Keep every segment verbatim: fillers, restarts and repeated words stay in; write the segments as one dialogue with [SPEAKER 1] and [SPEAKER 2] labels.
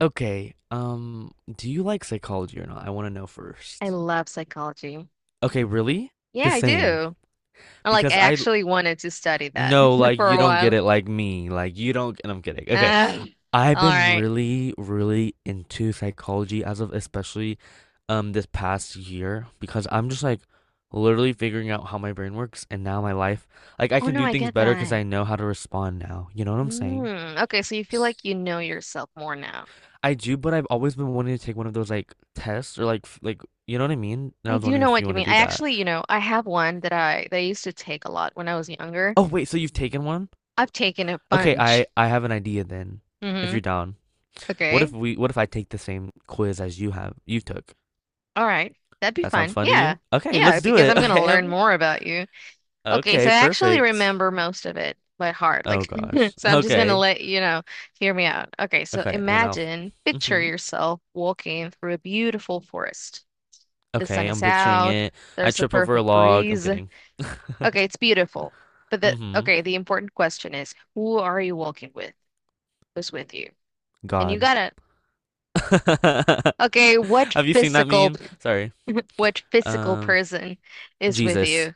[SPEAKER 1] Okay, um, do you like psychology or not? I want to know
[SPEAKER 2] I
[SPEAKER 1] first.
[SPEAKER 2] love psychology.
[SPEAKER 1] Okay, really?
[SPEAKER 2] Yeah,
[SPEAKER 1] The
[SPEAKER 2] I
[SPEAKER 1] same.
[SPEAKER 2] do. I like I
[SPEAKER 1] Because I
[SPEAKER 2] actually wanted to study that
[SPEAKER 1] No, like
[SPEAKER 2] for
[SPEAKER 1] you
[SPEAKER 2] a
[SPEAKER 1] don't get
[SPEAKER 2] while.
[SPEAKER 1] it like me. Like you don't, and I'm kidding. Okay,
[SPEAKER 2] Uh,
[SPEAKER 1] I've
[SPEAKER 2] all
[SPEAKER 1] been
[SPEAKER 2] right.
[SPEAKER 1] really, really into psychology as of especially um this past year because I'm just like literally figuring out how my brain works and now my life, like I
[SPEAKER 2] Oh
[SPEAKER 1] can
[SPEAKER 2] no,
[SPEAKER 1] do
[SPEAKER 2] I
[SPEAKER 1] things
[SPEAKER 2] get
[SPEAKER 1] better because
[SPEAKER 2] that.
[SPEAKER 1] I know how to respond now. You know what I'm saying?
[SPEAKER 2] Mm, okay, so you feel like you know yourself more now.
[SPEAKER 1] I do, but I've always been wanting to take one of those like tests or like f- like you know what I mean? And I
[SPEAKER 2] I
[SPEAKER 1] was
[SPEAKER 2] do
[SPEAKER 1] wondering
[SPEAKER 2] know
[SPEAKER 1] if you
[SPEAKER 2] what you
[SPEAKER 1] want to
[SPEAKER 2] mean.
[SPEAKER 1] do
[SPEAKER 2] I
[SPEAKER 1] that.
[SPEAKER 2] actually, you know, I have one that I that I used to take a lot when I was younger.
[SPEAKER 1] Oh wait, so you've taken one?
[SPEAKER 2] I've taken a
[SPEAKER 1] Okay, I
[SPEAKER 2] bunch.
[SPEAKER 1] I have an idea then. If
[SPEAKER 2] Mm-hmm.
[SPEAKER 1] you're down. What
[SPEAKER 2] Okay.
[SPEAKER 1] if we what if I take the same quiz as you have you took?
[SPEAKER 2] All right. That'd be
[SPEAKER 1] That sounds
[SPEAKER 2] fun.
[SPEAKER 1] fun to
[SPEAKER 2] Yeah.
[SPEAKER 1] you? Okay,
[SPEAKER 2] Yeah,
[SPEAKER 1] let's do
[SPEAKER 2] because
[SPEAKER 1] it.
[SPEAKER 2] I'm gonna
[SPEAKER 1] Okay. I'm-
[SPEAKER 2] learn
[SPEAKER 1] like,
[SPEAKER 2] more about you. Okay, so
[SPEAKER 1] Okay,
[SPEAKER 2] I actually
[SPEAKER 1] perfect.
[SPEAKER 2] remember most of it by heart.
[SPEAKER 1] Oh
[SPEAKER 2] Like,
[SPEAKER 1] gosh.
[SPEAKER 2] so I'm just gonna
[SPEAKER 1] Okay.
[SPEAKER 2] let you know, hear me out. Okay, so
[SPEAKER 1] Okay, and then I'll
[SPEAKER 2] imagine, picture
[SPEAKER 1] hmm
[SPEAKER 2] yourself walking through a beautiful forest. The sun
[SPEAKER 1] Okay, I'm
[SPEAKER 2] is
[SPEAKER 1] picturing
[SPEAKER 2] out,
[SPEAKER 1] it. I
[SPEAKER 2] there's a
[SPEAKER 1] trip over a
[SPEAKER 2] perfect
[SPEAKER 1] log. I'm
[SPEAKER 2] breeze.
[SPEAKER 1] kidding.
[SPEAKER 2] Okay, it's beautiful. But the
[SPEAKER 1] hmm
[SPEAKER 2] Okay, the important question is, who are you walking with? Who's with you? And you
[SPEAKER 1] God.
[SPEAKER 2] gotta, okay, what
[SPEAKER 1] Have you seen that
[SPEAKER 2] physical,
[SPEAKER 1] meme? Sorry.
[SPEAKER 2] what physical
[SPEAKER 1] Um,
[SPEAKER 2] person is with
[SPEAKER 1] Jesus.
[SPEAKER 2] you?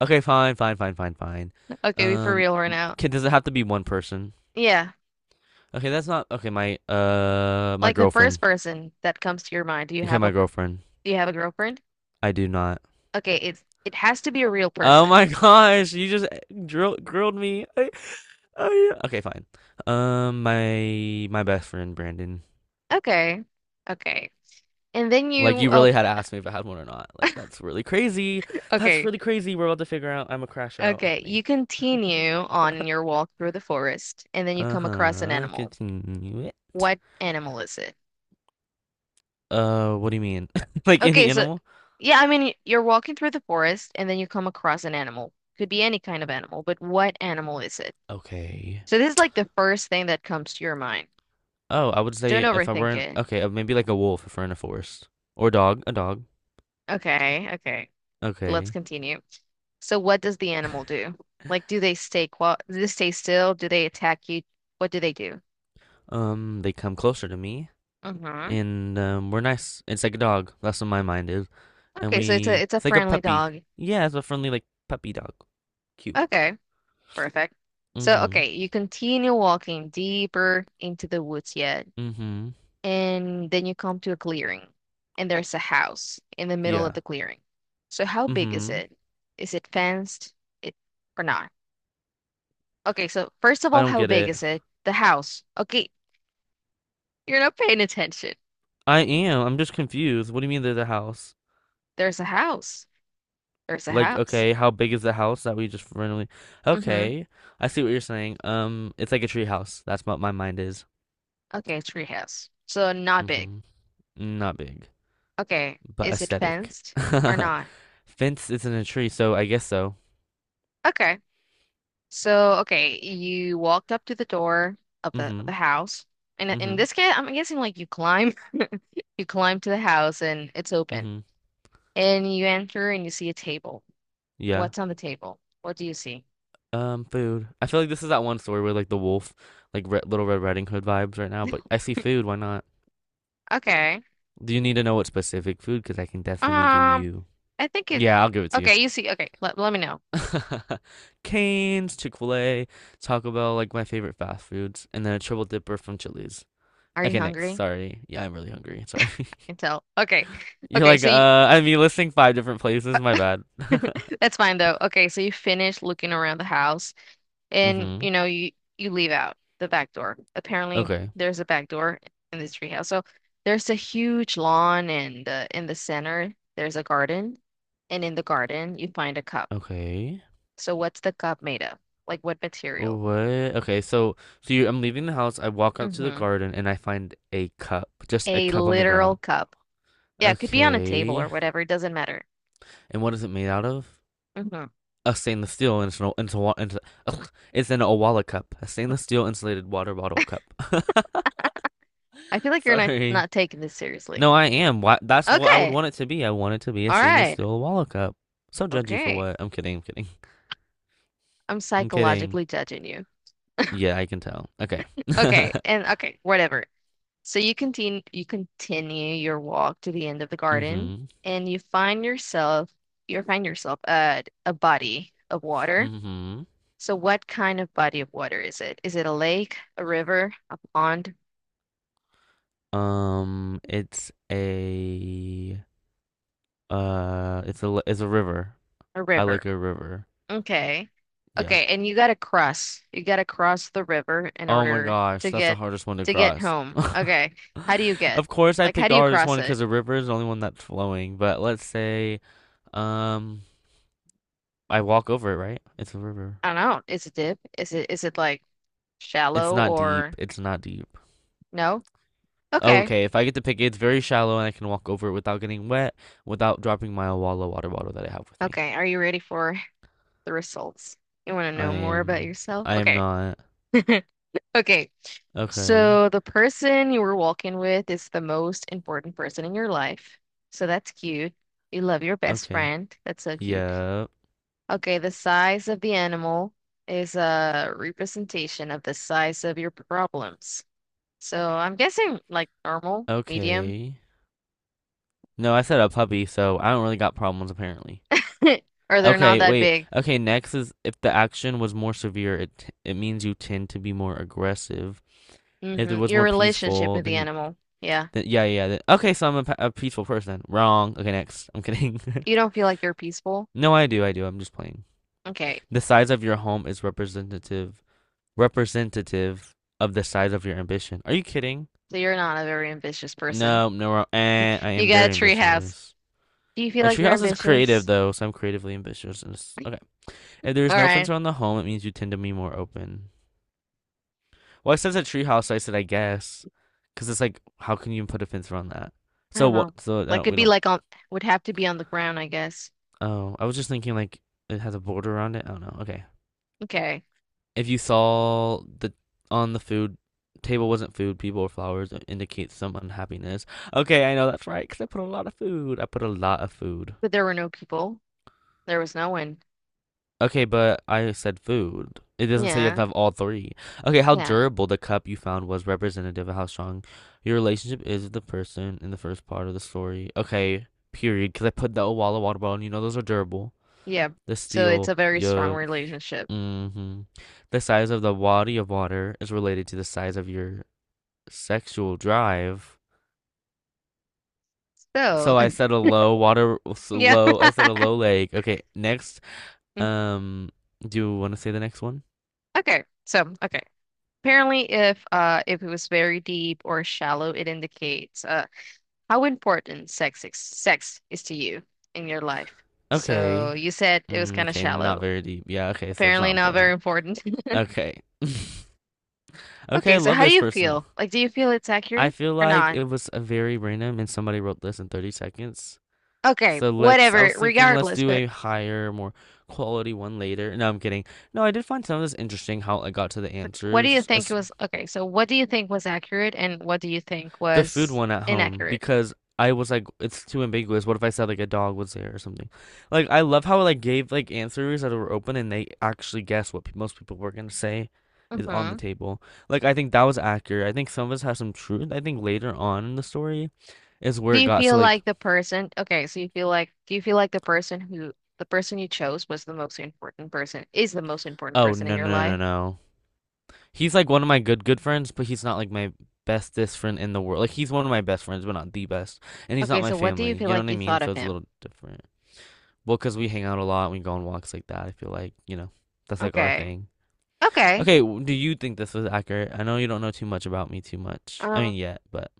[SPEAKER 1] Okay, fine, fine, fine, fine, fine.
[SPEAKER 2] Okay, we for
[SPEAKER 1] Um,
[SPEAKER 2] real right now.
[SPEAKER 1] can does it have to be one person?
[SPEAKER 2] Yeah.
[SPEAKER 1] Okay, that's not okay. My uh, my
[SPEAKER 2] Like the
[SPEAKER 1] girlfriend.
[SPEAKER 2] first person that comes to your mind. Do you
[SPEAKER 1] Okay,
[SPEAKER 2] have a
[SPEAKER 1] my
[SPEAKER 2] per-
[SPEAKER 1] girlfriend.
[SPEAKER 2] do you have a girlfriend?
[SPEAKER 1] I do not.
[SPEAKER 2] Okay, it's it has to be a real
[SPEAKER 1] Oh
[SPEAKER 2] person.
[SPEAKER 1] my gosh, you just drill, grilled me. I, I, okay, fine. Um, my my best friend Brandon.
[SPEAKER 2] Okay. Okay. And then
[SPEAKER 1] Like
[SPEAKER 2] you
[SPEAKER 1] you really had
[SPEAKER 2] Okay,
[SPEAKER 1] asked me if I had one or not. Like that's really crazy. That's
[SPEAKER 2] okay.
[SPEAKER 1] really crazy. We're about to figure out. I'm a crash out. I'm
[SPEAKER 2] Okay,
[SPEAKER 1] kidding.
[SPEAKER 2] you continue on your walk through the forest and then you come across an
[SPEAKER 1] Uh-huh.
[SPEAKER 2] animal.
[SPEAKER 1] Continue it.
[SPEAKER 2] What animal is it?
[SPEAKER 1] Uh, what do you mean? Like
[SPEAKER 2] Okay,
[SPEAKER 1] any
[SPEAKER 2] so
[SPEAKER 1] animal?
[SPEAKER 2] yeah, I mean you're walking through the forest and then you come across an animal. Could be any kind of animal, but what animal is it?
[SPEAKER 1] Okay.
[SPEAKER 2] So this is like the first thing that comes to your mind.
[SPEAKER 1] Oh, I would
[SPEAKER 2] Don't
[SPEAKER 1] say if I were
[SPEAKER 2] overthink
[SPEAKER 1] in
[SPEAKER 2] it.
[SPEAKER 1] okay, uh, maybe like a wolf if we're in a forest. Or dog, a dog.
[SPEAKER 2] Okay, okay. Let's
[SPEAKER 1] Okay.
[SPEAKER 2] continue. So what does the animal do? Like, do they stay quiet? Do they stay still? Do they attack you? What do they do?
[SPEAKER 1] Um, they come closer to me
[SPEAKER 2] Mm-hmm.
[SPEAKER 1] and um we're nice. It's like a dog. That's what my mind is. And
[SPEAKER 2] Okay, so it's a
[SPEAKER 1] we
[SPEAKER 2] it's a
[SPEAKER 1] it's like a
[SPEAKER 2] friendly
[SPEAKER 1] puppy.
[SPEAKER 2] dog.
[SPEAKER 1] Yeah, it's a friendly like puppy dog. Cute.
[SPEAKER 2] Okay, perfect. So
[SPEAKER 1] Mm-hmm.
[SPEAKER 2] okay, you continue walking deeper into the woods yet,
[SPEAKER 1] Mm-hmm.
[SPEAKER 2] and then you come to a clearing, and there's a house in the middle of
[SPEAKER 1] Yeah.
[SPEAKER 2] the clearing. So how big is
[SPEAKER 1] Mm-hmm.
[SPEAKER 2] it? Is it fenced? It or not? Okay, so first of
[SPEAKER 1] I
[SPEAKER 2] all,
[SPEAKER 1] don't
[SPEAKER 2] how
[SPEAKER 1] get
[SPEAKER 2] big
[SPEAKER 1] it.
[SPEAKER 2] is it? The house. Okay, you're not paying attention.
[SPEAKER 1] I am. I'm just confused. What do you mean they're the house?
[SPEAKER 2] There's a house. There's a
[SPEAKER 1] Like,
[SPEAKER 2] house.
[SPEAKER 1] okay, how big is the house that we just randomly?
[SPEAKER 2] Mm-hmm.
[SPEAKER 1] Okay, I see what you're saying. Um, it's like a tree house. That's what my mind is.
[SPEAKER 2] Okay, tree house. So not big.
[SPEAKER 1] Mm-hmm. Not big,
[SPEAKER 2] Okay.
[SPEAKER 1] but
[SPEAKER 2] Is it
[SPEAKER 1] aesthetic.
[SPEAKER 2] fenced or not?
[SPEAKER 1] Fence isn't a tree, so I guess so.
[SPEAKER 2] Okay. So okay, you walked up to the door of the of
[SPEAKER 1] Mm-hmm.
[SPEAKER 2] the house. And in
[SPEAKER 1] Mm-hmm.
[SPEAKER 2] this case, I'm guessing like you climb you climb to the house and it's open.
[SPEAKER 1] Mm-hmm.
[SPEAKER 2] And you enter and you see a table.
[SPEAKER 1] Yeah.
[SPEAKER 2] What's on the table? What do you see?
[SPEAKER 1] Um, food. I feel like this is that one story where like the wolf, like Re Little Red Riding Hood vibes right now. But I see food. Why not?
[SPEAKER 2] Okay.
[SPEAKER 1] Do you need to know what specific food? Because I can definitely give
[SPEAKER 2] Um,
[SPEAKER 1] you.
[SPEAKER 2] I think it
[SPEAKER 1] Yeah, I'll give it to you.
[SPEAKER 2] Okay, you see okay, let, let me know.
[SPEAKER 1] Cane's, Chick-fil-A, Taco Bell, like my favorite fast foods, and then a triple dipper from Chili's.
[SPEAKER 2] Are you
[SPEAKER 1] Okay, next.
[SPEAKER 2] hungry? I
[SPEAKER 1] Sorry. Yeah, I'm really hungry. Sorry.
[SPEAKER 2] can tell. Okay.
[SPEAKER 1] You're
[SPEAKER 2] Okay,
[SPEAKER 1] like,
[SPEAKER 2] so you
[SPEAKER 1] uh, I mean, listing five different places. My bad.
[SPEAKER 2] that's fine though. Okay, so you finish looking around the house and
[SPEAKER 1] Mm-hmm.
[SPEAKER 2] you know you you leave out the back door. Apparently
[SPEAKER 1] Okay.
[SPEAKER 2] there's a back door in this treehouse. So there's a huge lawn and uh, in the center there's a garden and in the garden you find a cup.
[SPEAKER 1] Okay.
[SPEAKER 2] So what's the cup made of? Like what material?
[SPEAKER 1] What? Okay, so so you, I'm leaving the house. I walk out to the
[SPEAKER 2] Mm-hmm.
[SPEAKER 1] garden and I find a cup, just a
[SPEAKER 2] A
[SPEAKER 1] cup on the
[SPEAKER 2] literal
[SPEAKER 1] ground.
[SPEAKER 2] cup. Yeah, it could be on a table or
[SPEAKER 1] Okay.
[SPEAKER 2] whatever, it doesn't matter.
[SPEAKER 1] And what is it made out of?
[SPEAKER 2] Mm-hmm.
[SPEAKER 1] A stainless steel and it's an, it's a, it's, a, it's an Owala cup, a stainless steel insulated water bottle cup.
[SPEAKER 2] I feel like you're not
[SPEAKER 1] Sorry.
[SPEAKER 2] not taking this seriously.
[SPEAKER 1] No, I am. Why, that's what I would
[SPEAKER 2] Okay.
[SPEAKER 1] want it to be. I want it to be a
[SPEAKER 2] All
[SPEAKER 1] stainless
[SPEAKER 2] right.
[SPEAKER 1] steel Wallow cup. So judgy for
[SPEAKER 2] Okay.
[SPEAKER 1] what? I'm kidding. I'm kidding.
[SPEAKER 2] I'm
[SPEAKER 1] I'm kidding.
[SPEAKER 2] psychologically judging you.
[SPEAKER 1] Yeah, I can tell. Okay.
[SPEAKER 2] Okay, and okay, whatever. So you continue you continue your walk to the end of the garden
[SPEAKER 1] mm-hmm.
[SPEAKER 2] and you find yourself you find yourself at a body of water.
[SPEAKER 1] Mm-hmm.
[SPEAKER 2] So what kind of body of water is it? Is it a lake, a river, a pond,
[SPEAKER 1] Um, it's a uh, it's a it's a river.
[SPEAKER 2] a
[SPEAKER 1] I like
[SPEAKER 2] river?
[SPEAKER 1] a river.
[SPEAKER 2] Okay.
[SPEAKER 1] Yeah.
[SPEAKER 2] Okay, and you gotta cross. You gotta cross the river in
[SPEAKER 1] Oh my
[SPEAKER 2] order to
[SPEAKER 1] gosh, that's the
[SPEAKER 2] get
[SPEAKER 1] hardest one to
[SPEAKER 2] to get
[SPEAKER 1] cross.
[SPEAKER 2] home. Okay. How do you get?
[SPEAKER 1] Of course, I
[SPEAKER 2] Like how
[SPEAKER 1] picked
[SPEAKER 2] do
[SPEAKER 1] the
[SPEAKER 2] you
[SPEAKER 1] hardest
[SPEAKER 2] cross
[SPEAKER 1] one because
[SPEAKER 2] it?
[SPEAKER 1] the river is the only one that's flowing. But let's say, um, I walk over it, right? It's a river.
[SPEAKER 2] I don't know. Is it deep? Is it is it like
[SPEAKER 1] It's
[SPEAKER 2] shallow
[SPEAKER 1] not deep.
[SPEAKER 2] or
[SPEAKER 1] It's not deep.
[SPEAKER 2] no? Okay.
[SPEAKER 1] Okay, if I get to pick, it, it's very shallow and I can walk over it without getting wet, without dropping my Awala water bottle that I have with me.
[SPEAKER 2] Okay. Are you ready for the results? You want to
[SPEAKER 1] I
[SPEAKER 2] know more about
[SPEAKER 1] am.
[SPEAKER 2] yourself?
[SPEAKER 1] I am
[SPEAKER 2] Okay.
[SPEAKER 1] not.
[SPEAKER 2] Okay.
[SPEAKER 1] Okay.
[SPEAKER 2] So the person you were walking with is the most important person in your life. So that's cute. You love your best
[SPEAKER 1] Okay.
[SPEAKER 2] friend. That's so cute.
[SPEAKER 1] Yep.
[SPEAKER 2] Okay, the size of the animal is a representation of the size of your problems. So I'm guessing like normal, medium,
[SPEAKER 1] Okay. No, I said a puppy, so I don't really got problems apparently.
[SPEAKER 2] or they're not
[SPEAKER 1] Okay,
[SPEAKER 2] that
[SPEAKER 1] wait.
[SPEAKER 2] big.
[SPEAKER 1] Okay, next is if the action was more severe, it t- it means you tend to be more aggressive. If it
[SPEAKER 2] Hmm.
[SPEAKER 1] was
[SPEAKER 2] Your
[SPEAKER 1] more
[SPEAKER 2] relationship
[SPEAKER 1] peaceful,
[SPEAKER 2] with
[SPEAKER 1] then
[SPEAKER 2] the
[SPEAKER 1] you.
[SPEAKER 2] animal. Yeah.
[SPEAKER 1] Then, yeah, yeah. Then, okay, so I'm a, a peaceful person. Wrong. Okay, next. I'm kidding.
[SPEAKER 2] You don't feel like you're peaceful.
[SPEAKER 1] No, I do. I do. I'm just playing.
[SPEAKER 2] Okay,
[SPEAKER 1] The size of your home is representative representative of the size of your ambition. Are you kidding?
[SPEAKER 2] so you're not a very ambitious person.
[SPEAKER 1] No, no. we Eh, I
[SPEAKER 2] You
[SPEAKER 1] am
[SPEAKER 2] got a
[SPEAKER 1] very
[SPEAKER 2] tree house.
[SPEAKER 1] ambitious.
[SPEAKER 2] Do you feel
[SPEAKER 1] A
[SPEAKER 2] like you're
[SPEAKER 1] treehouse is creative
[SPEAKER 2] ambitious?
[SPEAKER 1] though, so I'm creatively ambitious. Okay. If there is
[SPEAKER 2] All
[SPEAKER 1] no fence
[SPEAKER 2] right.
[SPEAKER 1] around the home, it means you tend to be more open. Well, it says a treehouse, so I said I guess, because it's like, how can you put a fence around that?
[SPEAKER 2] I
[SPEAKER 1] So
[SPEAKER 2] don't
[SPEAKER 1] what?
[SPEAKER 2] know.
[SPEAKER 1] So I
[SPEAKER 2] Like
[SPEAKER 1] don't.
[SPEAKER 2] could
[SPEAKER 1] We
[SPEAKER 2] be
[SPEAKER 1] don't.
[SPEAKER 2] like on would have to be on the ground, I guess.
[SPEAKER 1] Oh, I was just thinking like it has a border around it. I don't know. Okay.
[SPEAKER 2] Okay.
[SPEAKER 1] if you saw the on the food table wasn't food, people or flowers, it indicates some unhappiness. Okay, I know that's right because I put a lot of food. I put a lot of food.
[SPEAKER 2] But there were no people. There was no one.
[SPEAKER 1] Okay, but I said food. It doesn't say you have to
[SPEAKER 2] Yeah.
[SPEAKER 1] have all three. Okay, how
[SPEAKER 2] Yeah.
[SPEAKER 1] durable the cup you found was representative of how strong your relationship is with the person in the first part of the story. Okay, period. Because I put the Owala water bottle, and you know those are durable.
[SPEAKER 2] Yeah.
[SPEAKER 1] The
[SPEAKER 2] So it's
[SPEAKER 1] steel,
[SPEAKER 2] a very strong
[SPEAKER 1] yeah.
[SPEAKER 2] relationship.
[SPEAKER 1] Mm-hmm. The size of the body of water is related to the size of your sexual drive.
[SPEAKER 2] So
[SPEAKER 1] So I said a low water, so
[SPEAKER 2] yeah.
[SPEAKER 1] low. I said a low lake. Okay, next.
[SPEAKER 2] Mm,
[SPEAKER 1] Um, do you want to say the next one?
[SPEAKER 2] Okay. So, okay. Apparently if uh if it was very deep or shallow, it indicates uh how important sex is, sex is to you in your life? So
[SPEAKER 1] Okay.
[SPEAKER 2] you said it was
[SPEAKER 1] Mm,
[SPEAKER 2] kind of
[SPEAKER 1] okay, not
[SPEAKER 2] shallow.
[SPEAKER 1] very deep. Yeah. Okay, so it's not
[SPEAKER 2] Apparently not very
[SPEAKER 1] important.
[SPEAKER 2] important.
[SPEAKER 1] Okay. Okay,
[SPEAKER 2] Okay,
[SPEAKER 1] I
[SPEAKER 2] so
[SPEAKER 1] love
[SPEAKER 2] how do
[SPEAKER 1] this
[SPEAKER 2] you
[SPEAKER 1] person.
[SPEAKER 2] feel? Like, do you feel it's
[SPEAKER 1] I
[SPEAKER 2] accurate
[SPEAKER 1] feel
[SPEAKER 2] or
[SPEAKER 1] like
[SPEAKER 2] not?
[SPEAKER 1] it was a very random, and somebody wrote this in thirty seconds.
[SPEAKER 2] Okay,
[SPEAKER 1] So let's. I
[SPEAKER 2] whatever,
[SPEAKER 1] was thinking let's
[SPEAKER 2] regardless,
[SPEAKER 1] do
[SPEAKER 2] but
[SPEAKER 1] a higher, more quality one later. No, I'm kidding. No, I did find some of this interesting how I got to the
[SPEAKER 2] what do you
[SPEAKER 1] answers,
[SPEAKER 2] think was okay, so what do you think was accurate and what do you think
[SPEAKER 1] the food
[SPEAKER 2] was
[SPEAKER 1] one at home
[SPEAKER 2] inaccurate?
[SPEAKER 1] because I was like, it's too ambiguous. What if I said like a dog was there or something? Like I love how it like gave like answers that were open and they actually guessed what pe most people were gonna say is on the
[SPEAKER 2] Hmm.
[SPEAKER 1] table. Like I think that was accurate. I think some of us have some truth. I think later on in the story is where
[SPEAKER 2] Do
[SPEAKER 1] it
[SPEAKER 2] you
[SPEAKER 1] got to
[SPEAKER 2] feel
[SPEAKER 1] like,
[SPEAKER 2] like the person, okay, so you feel like do you feel like the person who the person you chose was the most important person, is the most important
[SPEAKER 1] oh
[SPEAKER 2] person in
[SPEAKER 1] no
[SPEAKER 2] your
[SPEAKER 1] no no no.
[SPEAKER 2] life?
[SPEAKER 1] no. He's like one of my good good friends, but he's not like my bestest friend in the world. Like he's one of my best friends, but not the best. And he's not
[SPEAKER 2] Okay,
[SPEAKER 1] my
[SPEAKER 2] so what do you
[SPEAKER 1] family.
[SPEAKER 2] feel
[SPEAKER 1] You know
[SPEAKER 2] like
[SPEAKER 1] what I
[SPEAKER 2] you
[SPEAKER 1] mean?
[SPEAKER 2] thought
[SPEAKER 1] So
[SPEAKER 2] of
[SPEAKER 1] it's a
[SPEAKER 2] him?
[SPEAKER 1] little different. Well, because we hang out a lot, we go on walks like that. I feel like, you know, that's like our
[SPEAKER 2] Okay.
[SPEAKER 1] thing.
[SPEAKER 2] Okay.
[SPEAKER 1] Okay, w- do you think this was accurate? I know you don't know too much about me too much. I
[SPEAKER 2] Um,
[SPEAKER 1] mean, yet, but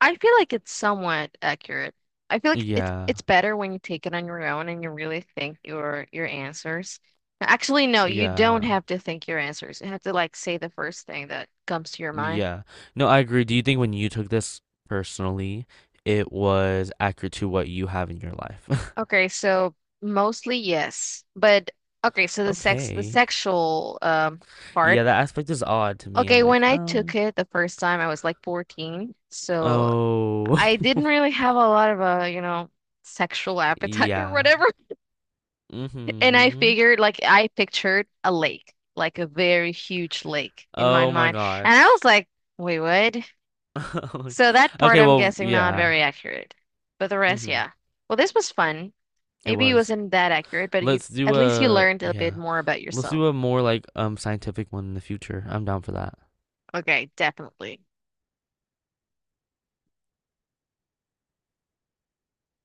[SPEAKER 2] I feel like it's somewhat accurate. I feel like it's
[SPEAKER 1] yeah,
[SPEAKER 2] it's better when you take it on your own and you really think your your answers. Actually, no, you don't
[SPEAKER 1] yeah,
[SPEAKER 2] have to think your answers. You have to like say the first thing that comes to your mind.
[SPEAKER 1] yeah. No, I agree. Do you think when you took this personally, it was accurate to what you have in your life?
[SPEAKER 2] Okay, so mostly yes. But okay, so the sex the
[SPEAKER 1] Okay.
[SPEAKER 2] sexual um part.
[SPEAKER 1] Yeah, that aspect is odd to me. I'm
[SPEAKER 2] Okay,
[SPEAKER 1] like,
[SPEAKER 2] when I took
[SPEAKER 1] um,
[SPEAKER 2] it the first time, I was like fourteen. So
[SPEAKER 1] oh,
[SPEAKER 2] I didn't really have a lot of a, you know, sexual appetite or
[SPEAKER 1] yeah.
[SPEAKER 2] whatever. And I
[SPEAKER 1] Mm-hmm.
[SPEAKER 2] figured, like, I pictured a lake, like a very huge lake in my
[SPEAKER 1] Oh my
[SPEAKER 2] mind. And I was
[SPEAKER 1] gosh.
[SPEAKER 2] like, wait, what? So that part
[SPEAKER 1] Okay,
[SPEAKER 2] I'm
[SPEAKER 1] well,
[SPEAKER 2] guessing not
[SPEAKER 1] yeah.
[SPEAKER 2] very accurate. But the rest,
[SPEAKER 1] Mm-hmm.
[SPEAKER 2] yeah. Well, this was fun.
[SPEAKER 1] It
[SPEAKER 2] Maybe it
[SPEAKER 1] was.
[SPEAKER 2] wasn't that accurate, but you
[SPEAKER 1] Let's do
[SPEAKER 2] at least you
[SPEAKER 1] a
[SPEAKER 2] learned a bit
[SPEAKER 1] yeah.
[SPEAKER 2] more about
[SPEAKER 1] Let's
[SPEAKER 2] yourself.
[SPEAKER 1] do a more like um scientific one in the future. I'm down for that.
[SPEAKER 2] Okay, definitely.